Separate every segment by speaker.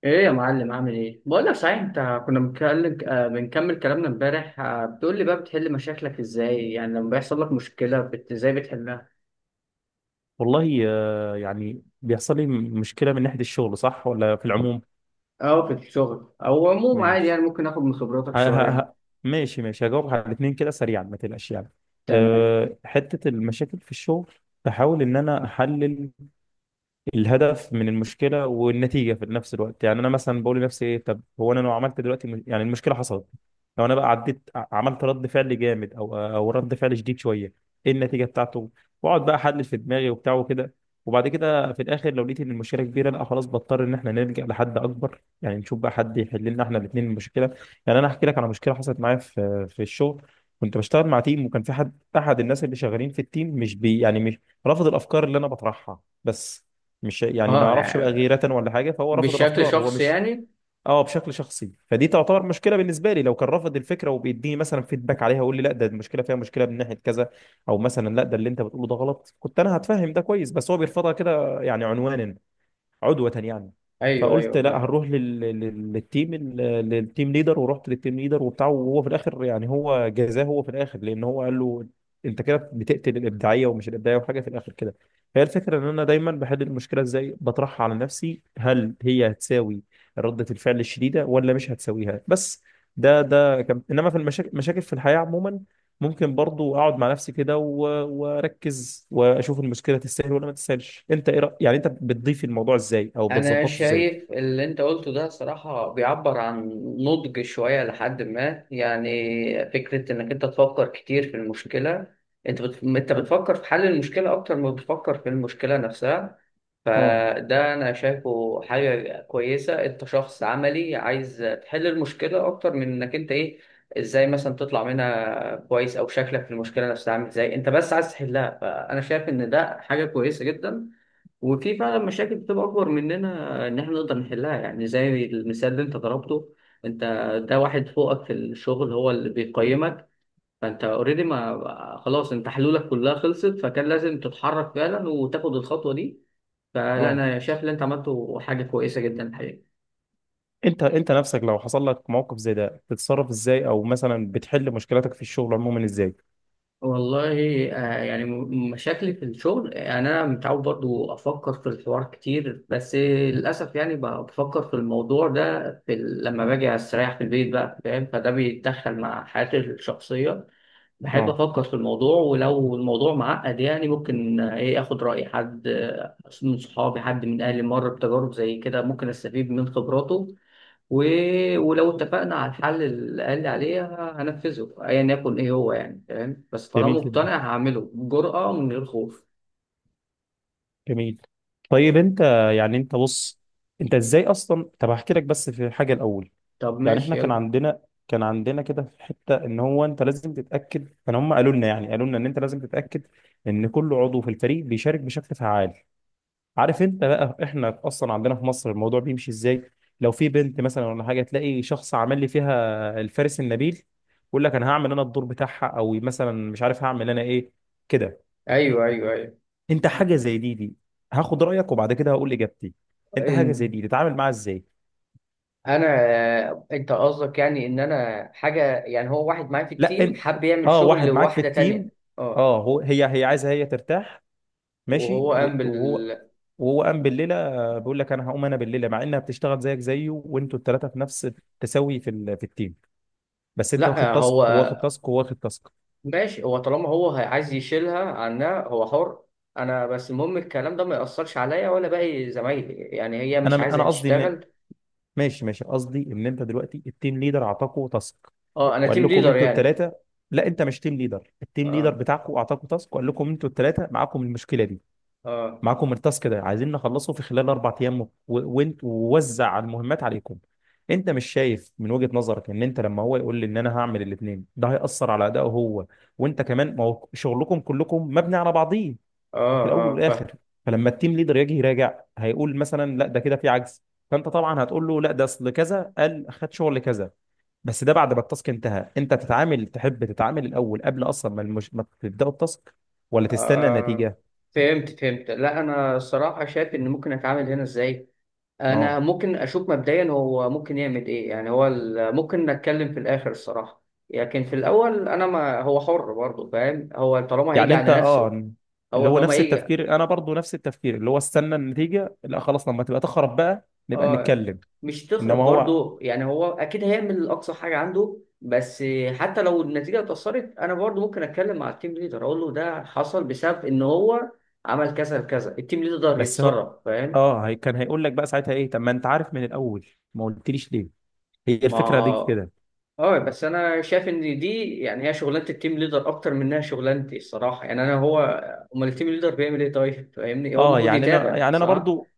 Speaker 1: ايه يا معلم، عامل ايه؟ بقول لك صحيح، انت كنا بنتكلم، بنكمل كلامنا امبارح، بتقول لي بقى بتحل مشاكلك ازاي؟ يعني لما بيحصل لك مشكله ازاي بتحلها؟
Speaker 2: والله يعني بيحصل لي مشكلة من ناحية الشغل، صح ولا في العموم؟
Speaker 1: او في الشغل او عموما عادي، يعني
Speaker 2: ماشي.
Speaker 1: ممكن اخد من خبراتك
Speaker 2: ه- ه-
Speaker 1: شويه.
Speaker 2: ه- ماشي ماشي، هجاوب على الاثنين كده سريعا ما تقلقش يعني.
Speaker 1: تمام.
Speaker 2: حتة المشاكل في الشغل، بحاول إن أنا أحلل الهدف من المشكله والنتيجه في نفس الوقت. يعني انا مثلا بقول لنفسي ايه، طب هو انا لو عملت دلوقتي يعني المشكله حصلت، لو انا بقى عديت عملت رد فعل جامد او رد فعل شديد شويه، ايه النتيجه بتاعته؟ واقعد بقى احلل في دماغي وبتاع وكده، وبعد كده في الاخر لو لقيت ان المشكله كبيره لا خلاص بضطر ان احنا نلجا لحد اكبر، يعني نشوف بقى حد يحل لنا احنا الاثنين المشكله. يعني انا هحكي لك على مشكله حصلت معايا في الشغل. كنت بشتغل مع تيم، وكان في حد احد الناس اللي شغالين في التيم مش بي، يعني مش رافض الافكار اللي انا بطرحها، بس مش يعني ما
Speaker 1: اه،
Speaker 2: يعرفش بقى،
Speaker 1: يعني
Speaker 2: غيرة ولا حاجة، فهو رفض
Speaker 1: بشكل
Speaker 2: الأفكار هو
Speaker 1: شخصي
Speaker 2: مش.
Speaker 1: يعني.
Speaker 2: اه، بشكل شخصي، فدي تعتبر مشكلة بالنسبة لي، لو كان رافض الفكرة وبيديني مثلا فيدباك عليها ويقول لي لا ده المشكلة فيها مشكلة من ناحية كذا، أو مثلا لا ده اللي أنت بتقوله ده غلط، كنت أنا هتفهم ده كويس، بس هو بيرفضها كده يعني عنوانا، عدوة يعني.
Speaker 1: ايوه، ايوه،
Speaker 2: فقلت لا
Speaker 1: فاهم.
Speaker 2: هنروح للتيم للتيم ليدر، ورحت للتيم ليدر وبتاع، وهو في الاخر يعني هو جزاه هو في الاخر، لان هو قال له انت كده بتقتل الابداعيه ومش الابداعيه وحاجه في الاخر كده. هي الفكره ان انا دايما بحل المشكله ازاي، بطرحها على نفسي هل هي هتساوي ردة الفعل الشديده ولا مش هتساويها. بس ده كان، انما في المشاكل، مشاكل في الحياه عموما، ممكن برضو اقعد مع نفسي كده واركز واشوف المشكله تستاهل ولا ما تستاهلش. انت ايه يعني انت بتضيف الموضوع ازاي او
Speaker 1: انا
Speaker 2: بتظبطه ازاي؟
Speaker 1: شايف اللي انت قلته ده صراحة بيعبر عن نضج شوية لحد ما، يعني فكرة انك انت تفكر كتير في المشكلة. انت بتفكر في حل المشكلة اكتر ما بتفكر في المشكلة نفسها.
Speaker 2: اه.
Speaker 1: فده انا شايفه حاجة كويسة، انت شخص عملي عايز تحل المشكلة اكتر من انك انت ايه، ازاي مثلا تطلع منها كويس، او شكلك في المشكلة نفسها عامل ازاي، انت بس عايز تحلها، فانا شايف ان ده حاجة كويسة جدا. وفي فعلا مشاكل بتبقى اكبر مننا ان احنا نقدر نحلها، يعني زي المثال اللي انت ضربته، انت ده واحد فوقك في الشغل هو اللي بيقيمك، فانت اوريدي ما خلاص انت حلولك كلها خلصت، فكان لازم تتحرك فعلا وتاخد الخطوة دي. فلا،
Speaker 2: اه،
Speaker 1: انا شايف اللي انت عملته حاجة كويسة جدا الحقيقة.
Speaker 2: انت نفسك لو حصل لك موقف زي ده بتتصرف ازاي، او مثلا بتحل مشكلتك في الشغل عموما ازاي؟
Speaker 1: والله، يعني مشاكلي في الشغل، يعني انا متعود برضو افكر في الحوار كتير، بس للاسف يعني بفكر في الموضوع ده في لما باجي استريح في البيت بقى، فاهم، فده بيتدخل مع حياتي الشخصيه. بحب
Speaker 2: اه،
Speaker 1: افكر في الموضوع، ولو الموضوع معقد يعني ممكن ايه اخد راي حد، من صحابي، حد من اهلي مر بتجارب زي كده ممكن استفيد من خبراته. و... ولو اتفقنا على الحل اللي قال لي عليه، هنفذه ايا يكن ايه هو يعني، فاهم، بس طالما
Speaker 2: جميل جدا،
Speaker 1: مقتنع هعمله بجرأة من غير خوف.
Speaker 2: جميل. طيب انت، يعني انت بص، انت ازاي اصلا، طب هحكي لك بس في حاجه الاول.
Speaker 1: طب
Speaker 2: يعني
Speaker 1: ماشي،
Speaker 2: احنا كان
Speaker 1: يلا.
Speaker 2: عندنا، كان عندنا كده في حته ان هو انت لازم تتاكد، كان هم قالوا لنا، يعني قالوا لنا ان انت لازم تتاكد ان كل عضو في الفريق بيشارك بشكل فعال. عارف انت بقى احنا اصلا عندنا في مصر الموضوع بيمشي ازاي، لو في بنت مثلا ولا حاجه تلاقي شخص عمل لي فيها الفارس النبيل، يقول لك انا هعمل انا الدور بتاعها، او مثلا مش عارف هعمل انا ايه كده.
Speaker 1: ايوه، ايوه، ايوه.
Speaker 2: انت حاجه زي دي، دي هاخد رايك وبعد كده هقول اجابتي، انت حاجه زي
Speaker 1: إن
Speaker 2: دي تتعامل معاها ازاي؟
Speaker 1: انا انت قصدك يعني ان انا حاجه، يعني هو واحد معايا في
Speaker 2: لا
Speaker 1: التيم
Speaker 2: انت،
Speaker 1: حب يعمل
Speaker 2: اه
Speaker 1: شغل
Speaker 2: واحد معاك في
Speaker 1: لواحده
Speaker 2: التيم،
Speaker 1: تانية، اه.
Speaker 2: اه هو هي عايزه هي ترتاح. ماشي،
Speaker 1: وهو قام
Speaker 2: وانت
Speaker 1: بال
Speaker 2: وهو، وهو قام بالليله، بيقول لك انا هقوم انا بالليله، مع انها بتشتغل زيك زيه، وانتوا الثلاثه في نفس التساوي في التيم، بس انت واخد
Speaker 1: لا، هو
Speaker 2: تاسك وهو واخد تاسك وهو واخد تاسك.
Speaker 1: ماشي، هو طالما هو عايز يشيلها عنها هو حر. انا بس المهم الكلام ده ما يأثرش عليا ولا باقي زمايلي، يعني هي
Speaker 2: انا
Speaker 1: مش عايزه
Speaker 2: انا قصدي ان،
Speaker 1: تشتغل.
Speaker 2: ماشي ماشي، قصدي ان انت دلوقتي التيم ليدر اعطاكوا تاسك،
Speaker 1: اه، انا
Speaker 2: وقال
Speaker 1: تيم
Speaker 2: لكم
Speaker 1: ليدر
Speaker 2: انتوا
Speaker 1: يعني.
Speaker 2: الثلاثه. لا انت مش تيم ليدر، التيم ليدر
Speaker 1: اه،
Speaker 2: بتاعكم اعطاكوا تاسك وقال لكم انتوا الثلاثه معاكم المشكله دي،
Speaker 1: اه،
Speaker 2: معاكم التاسك ده عايزين نخلصه في خلال اربع ايام، وانت ووزع المهمات عليكم. انت مش شايف من وجهة نظرك ان انت لما هو يقول لي ان انا هعمل الاثنين ده هيأثر على ادائه هو، وانت كمان، ما هو شغلكم كلكم مبني على بعضيه
Speaker 1: اه،
Speaker 2: في الاول
Speaker 1: اه،
Speaker 2: والاخر؟
Speaker 1: فاهم،
Speaker 2: فلما التيم ليدر يجي يراجع هيقول مثلا لا ده كده في عجز، فانت طبعا هتقول له لا ده اصل كذا قال خد شغل كذا، بس ده بعد ما التاسك انتهى. انت تتعامل، تحب تتعامل الاول قبل اصلا ما ما تبداوا التاسك، ولا تستنى
Speaker 1: آه،
Speaker 2: النتيجه؟
Speaker 1: فهمت، فهمت، لا انا الصراحه شايف ان ممكن اتعامل هنا ازاي. انا
Speaker 2: اه،
Speaker 1: ممكن اشوف مبدئيا هو ممكن يعمل ايه، يعني هو ممكن نتكلم في الاخر الصراحه. لكن في الاول، انا ما هو حر برضه، فاهم، هو طالما هيجي
Speaker 2: يعني انت
Speaker 1: على نفسه،
Speaker 2: اه،
Speaker 1: هو
Speaker 2: اللي هو
Speaker 1: طالما
Speaker 2: نفس
Speaker 1: هيجي.
Speaker 2: التفكير. انا برضو نفس التفكير، اللي هو استنى النتيجه لا خلاص، لما تبقى تخرب بقى نبقى
Speaker 1: اه،
Speaker 2: نتكلم.
Speaker 1: مش
Speaker 2: انما
Speaker 1: تخرب
Speaker 2: هو،
Speaker 1: برضه، يعني هو اكيد هيعمل اقصى حاجه عنده، بس حتى لو النتيجه اتاثرت، انا برضه ممكن اتكلم مع التيم ليدر، اقول له ده حصل بسبب ان هو عمل كذا كذا، التيم ليدر
Speaker 2: بس هو
Speaker 1: يتصرف، فاهم.
Speaker 2: اه، هي كان هيقول لك بقى ساعتها ايه، طب ما انت عارف من الاول، ما قلتليش ليه، هي الفكره دي
Speaker 1: ما
Speaker 2: كده.
Speaker 1: اه، بس انا شايف ان دي يعني هي شغلانه التيم ليدر اكتر منها شغلانتي الصراحه، يعني انا هو، امال التيم ليدر بيعمل ايه؟ طيب فاهمني، هو
Speaker 2: اه،
Speaker 1: المفروض
Speaker 2: يعني انا
Speaker 1: يتابع،
Speaker 2: يعني انا
Speaker 1: صح.
Speaker 2: برضو،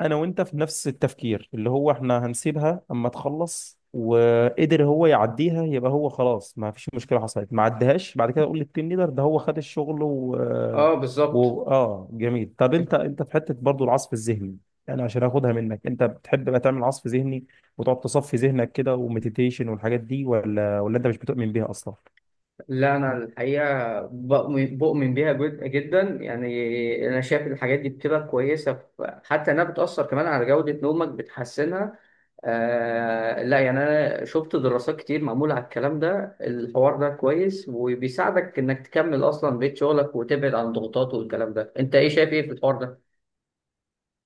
Speaker 2: انا وانت في نفس التفكير، اللي هو احنا هنسيبها اما تخلص، وقدر هو يعديها يبقى هو خلاص ما فيش مشكله حصلت، ما عدهاش بعد كده اقول للتيم ليدر ده هو خد الشغل و...
Speaker 1: اه، بالظبط.
Speaker 2: و... اه جميل. طب انت، انت في حته برضو العصف الذهني، يعني عشان اخدها منك، انت بتحب بقى تعمل عصف ذهني وتقعد تصفي ذهنك كده ومديتيشن والحاجات دي، ولا، ولا انت مش بتؤمن بيها اصلا؟
Speaker 1: لا، أنا الحقيقة بؤمن بيها جدا، يعني أنا شايف الحاجات دي بتبقى كويسة، حتى إنها بتأثر كمان على جودة نومك، بتحسنها. آه، لا يعني أنا شفت دراسات كتير معمولة على الكلام ده، الحوار ده كويس وبيساعدك إنك تكمل أصلا بيت شغلك وتبعد عن الضغوطات والكلام ده، أنت إيه شايف إيه في الحوار ده؟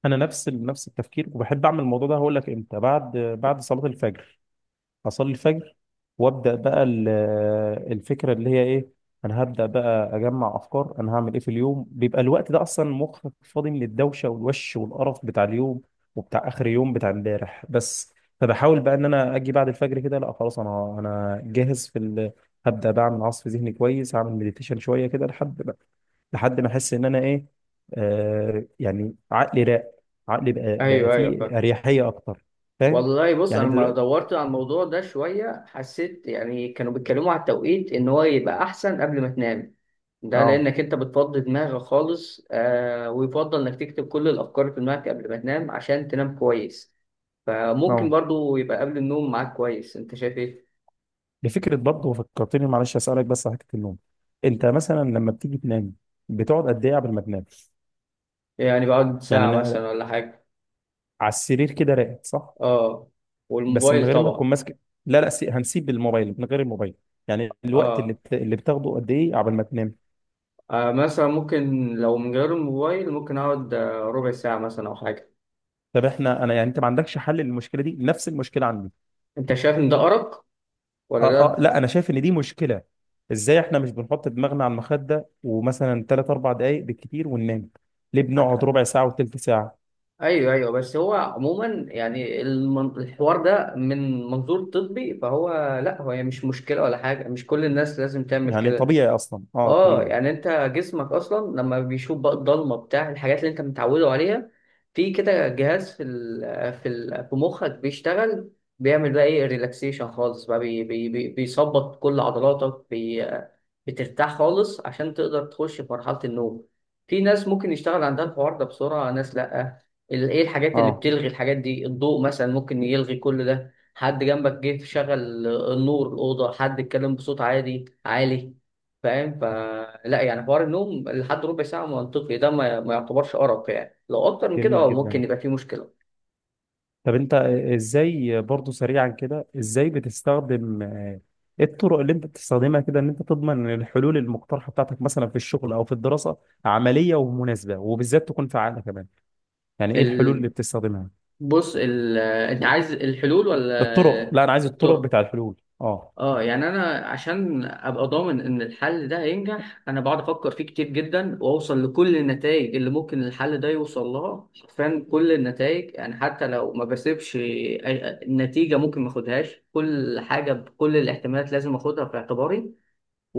Speaker 2: انا نفس نفس التفكير، وبحب اعمل الموضوع ده. هقول لك امتى، بعد صلاه الفجر، اصلي الفجر وابدا بقى الفكره اللي هي ايه، انا هبدا بقى اجمع افكار انا هعمل ايه في اليوم. بيبقى الوقت ده اصلا مخك فاضي من الدوشه والوش والقرف بتاع اليوم وبتاع اخر يوم بتاع امبارح. بس فبحاول بقى ان انا اجي بعد الفجر كده لا خلاص انا جاهز في ال... هبدا بقى اعمل عصف ذهني كويس، هعمل مديتيشن شويه كده، لحد ما احس ان انا ايه، آه، يعني عقلي راق، عقلي بقى
Speaker 1: ايوه، ايوه، فاهم.
Speaker 2: فيه اريحيه اكتر. فاهم.
Speaker 1: والله، بص،
Speaker 2: يعني
Speaker 1: انا
Speaker 2: انت
Speaker 1: لما
Speaker 2: دلوقتي
Speaker 1: دورت على الموضوع ده شويه حسيت، يعني كانوا بيتكلموا على التوقيت ان هو يبقى احسن قبل ما تنام. ده
Speaker 2: اه.
Speaker 1: لانك انت بتفضي دماغك خالص، ويفضل انك تكتب كل الافكار في دماغك قبل ما تنام عشان تنام كويس. فممكن
Speaker 2: اه
Speaker 1: برضو يبقى قبل النوم معاك كويس، انت شايف ايه؟
Speaker 2: بفكره برضه، فكرتني، معلش اسالك بس على حته النوم. انت مثلا لما بتيجي تنام، بتقعد قد ايه قبل ما تنام؟
Speaker 1: يعني بقعد
Speaker 2: يعني
Speaker 1: ساعة
Speaker 2: أنا
Speaker 1: مثلا ولا حاجة.
Speaker 2: على السرير كده راقد، صح؟
Speaker 1: اه،
Speaker 2: بس من
Speaker 1: والموبايل
Speaker 2: غير ما تكون
Speaker 1: طبعا.
Speaker 2: ماسك، لا هنسيب الموبايل، من غير الموبايل، يعني الوقت
Speaker 1: اه,
Speaker 2: اللي بتاخده قد ايه قبل ما تنام؟
Speaker 1: مثلا ممكن لو من غير الموبايل، ممكن اقعد ربع ساعة مثلا او حاجة.
Speaker 2: طب احنا، انا يعني انت ما عندكش حل للمشكله دي؟ نفس المشكله عندي.
Speaker 1: انت شايف ان ده ارق ولا
Speaker 2: اه
Speaker 1: ده؟
Speaker 2: لا، انا شايف ان دي مشكله. ازاي احنا مش بنحط دماغنا على المخده ومثلا 3 4 دقائق بالكتير وننام؟ ليه بنقعد ربع ساعه وثلث ساعه؟
Speaker 1: ايوه، ايوه، بس هو عموما يعني الحوار ده من منظور طبي فهو، لا هو يعني مش مشكله ولا حاجه، مش كل الناس لازم تعمل
Speaker 2: يعني
Speaker 1: كده.
Speaker 2: طبيعي اصلا، اه
Speaker 1: اه،
Speaker 2: طبيعي.
Speaker 1: يعني انت جسمك اصلا لما بيشوف بقى الضلمه بتاع الحاجات اللي انت متعوده عليها، في كده جهاز في مخك بيشتغل، بيعمل بقى ايه ريلاكسيشن خالص بقى، بي بي بي بيظبط كل عضلاتك، بترتاح خالص عشان تقدر تخش في مرحله النوم. في ناس ممكن يشتغل عندها الحوار ده بسرعه، ناس لا. ايه الحاجات اللي
Speaker 2: اه
Speaker 1: بتلغي الحاجات دي؟ الضوء مثلا ممكن يلغي كل ده، حد جنبك جه شغل، النور، الاوضه، حد اتكلم بصوت عادي عالي، فاهم. فلا يعني حوار النوم لحد ربع ساعة منطقي، ده ما يعتبرش أرق، يعني لو أكتر من كده
Speaker 2: جميل
Speaker 1: اه
Speaker 2: جدا.
Speaker 1: ممكن يبقى فيه مشكلة.
Speaker 2: طب انت ازاي برضو سريعا كده، ازاي بتستخدم ايه الطرق اللي انت بتستخدمها كده ان انت تضمن ان الحلول المقترحه بتاعتك مثلا في الشغل او في الدراسه عمليه ومناسبه وبالذات تكون فعاله كمان، يعني ايه الحلول
Speaker 1: ال...
Speaker 2: اللي بتستخدمها؟
Speaker 1: بص، أنت عايز الحلول
Speaker 2: الطرق،
Speaker 1: ولا
Speaker 2: لا انا عايز الطرق
Speaker 1: الطرق؟
Speaker 2: بتاع الحلول.
Speaker 1: اه، يعني أنا عشان أبقى ضامن إن الحل ده هينجح، أنا بقعد أفكر فيه كتير جدا، وأوصل لكل النتائج اللي ممكن الحل ده يوصل لها، حرفيا كل النتائج، يعني حتى لو ما بسيبش نتيجة ممكن ما أخدهاش، كل حاجة بكل الاحتمالات لازم أخدها في اعتباري،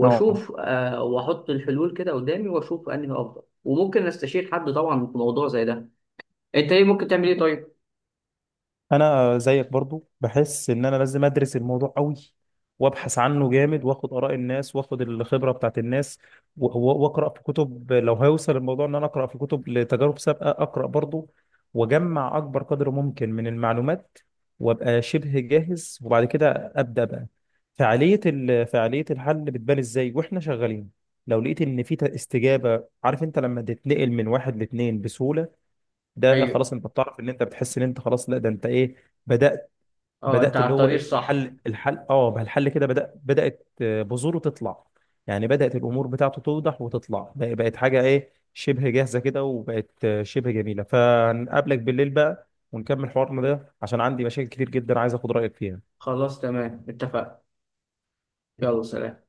Speaker 2: اه
Speaker 1: واحط الحلول كده قدامي واشوف انهي افضل، وممكن استشير حد طبعا في موضوع زي ده. انت ايه ممكن تعمل ايه طيب؟
Speaker 2: انا زيك برضو، بحس ان انا لازم ادرس الموضوع قوي وابحث عنه جامد، واخد اراء الناس واخد الخبره بتاعت الناس، واقرا في كتب، لو هيوصل الموضوع ان انا اقرا في كتب لتجارب سابقه اقرا برضو، واجمع اكبر قدر ممكن من المعلومات وابقى شبه جاهز، وبعد كده ابدا بقى. فعاليه فعاليه الحل بتبان ازاي واحنا شغالين، لو لقيت ان في استجابه، عارف انت لما تتنقل من واحد لاتنين بسهوله، ده
Speaker 1: ايوه،
Speaker 2: خلاص انت بتعرف ان انت بتحس ان انت خلاص، لا ده انت ايه، بدأت.
Speaker 1: اه، انت على
Speaker 2: اللي هو
Speaker 1: الطريق
Speaker 2: ايه،
Speaker 1: الصح.
Speaker 2: الحل، الحل اه، بقى الحل كده بدأ، بدأت بذوره تطلع، يعني بدأت الامور بتاعته توضح وتطلع، بقت حاجة ايه شبه جاهزة كده، وبقت شبه جميلة. فنقابلك بالليل بقى ونكمل حوارنا ده عشان عندي مشاكل كتير جدا عايز اخد رأيك فيها.
Speaker 1: خلاص تمام، اتفقنا. يلا سلام.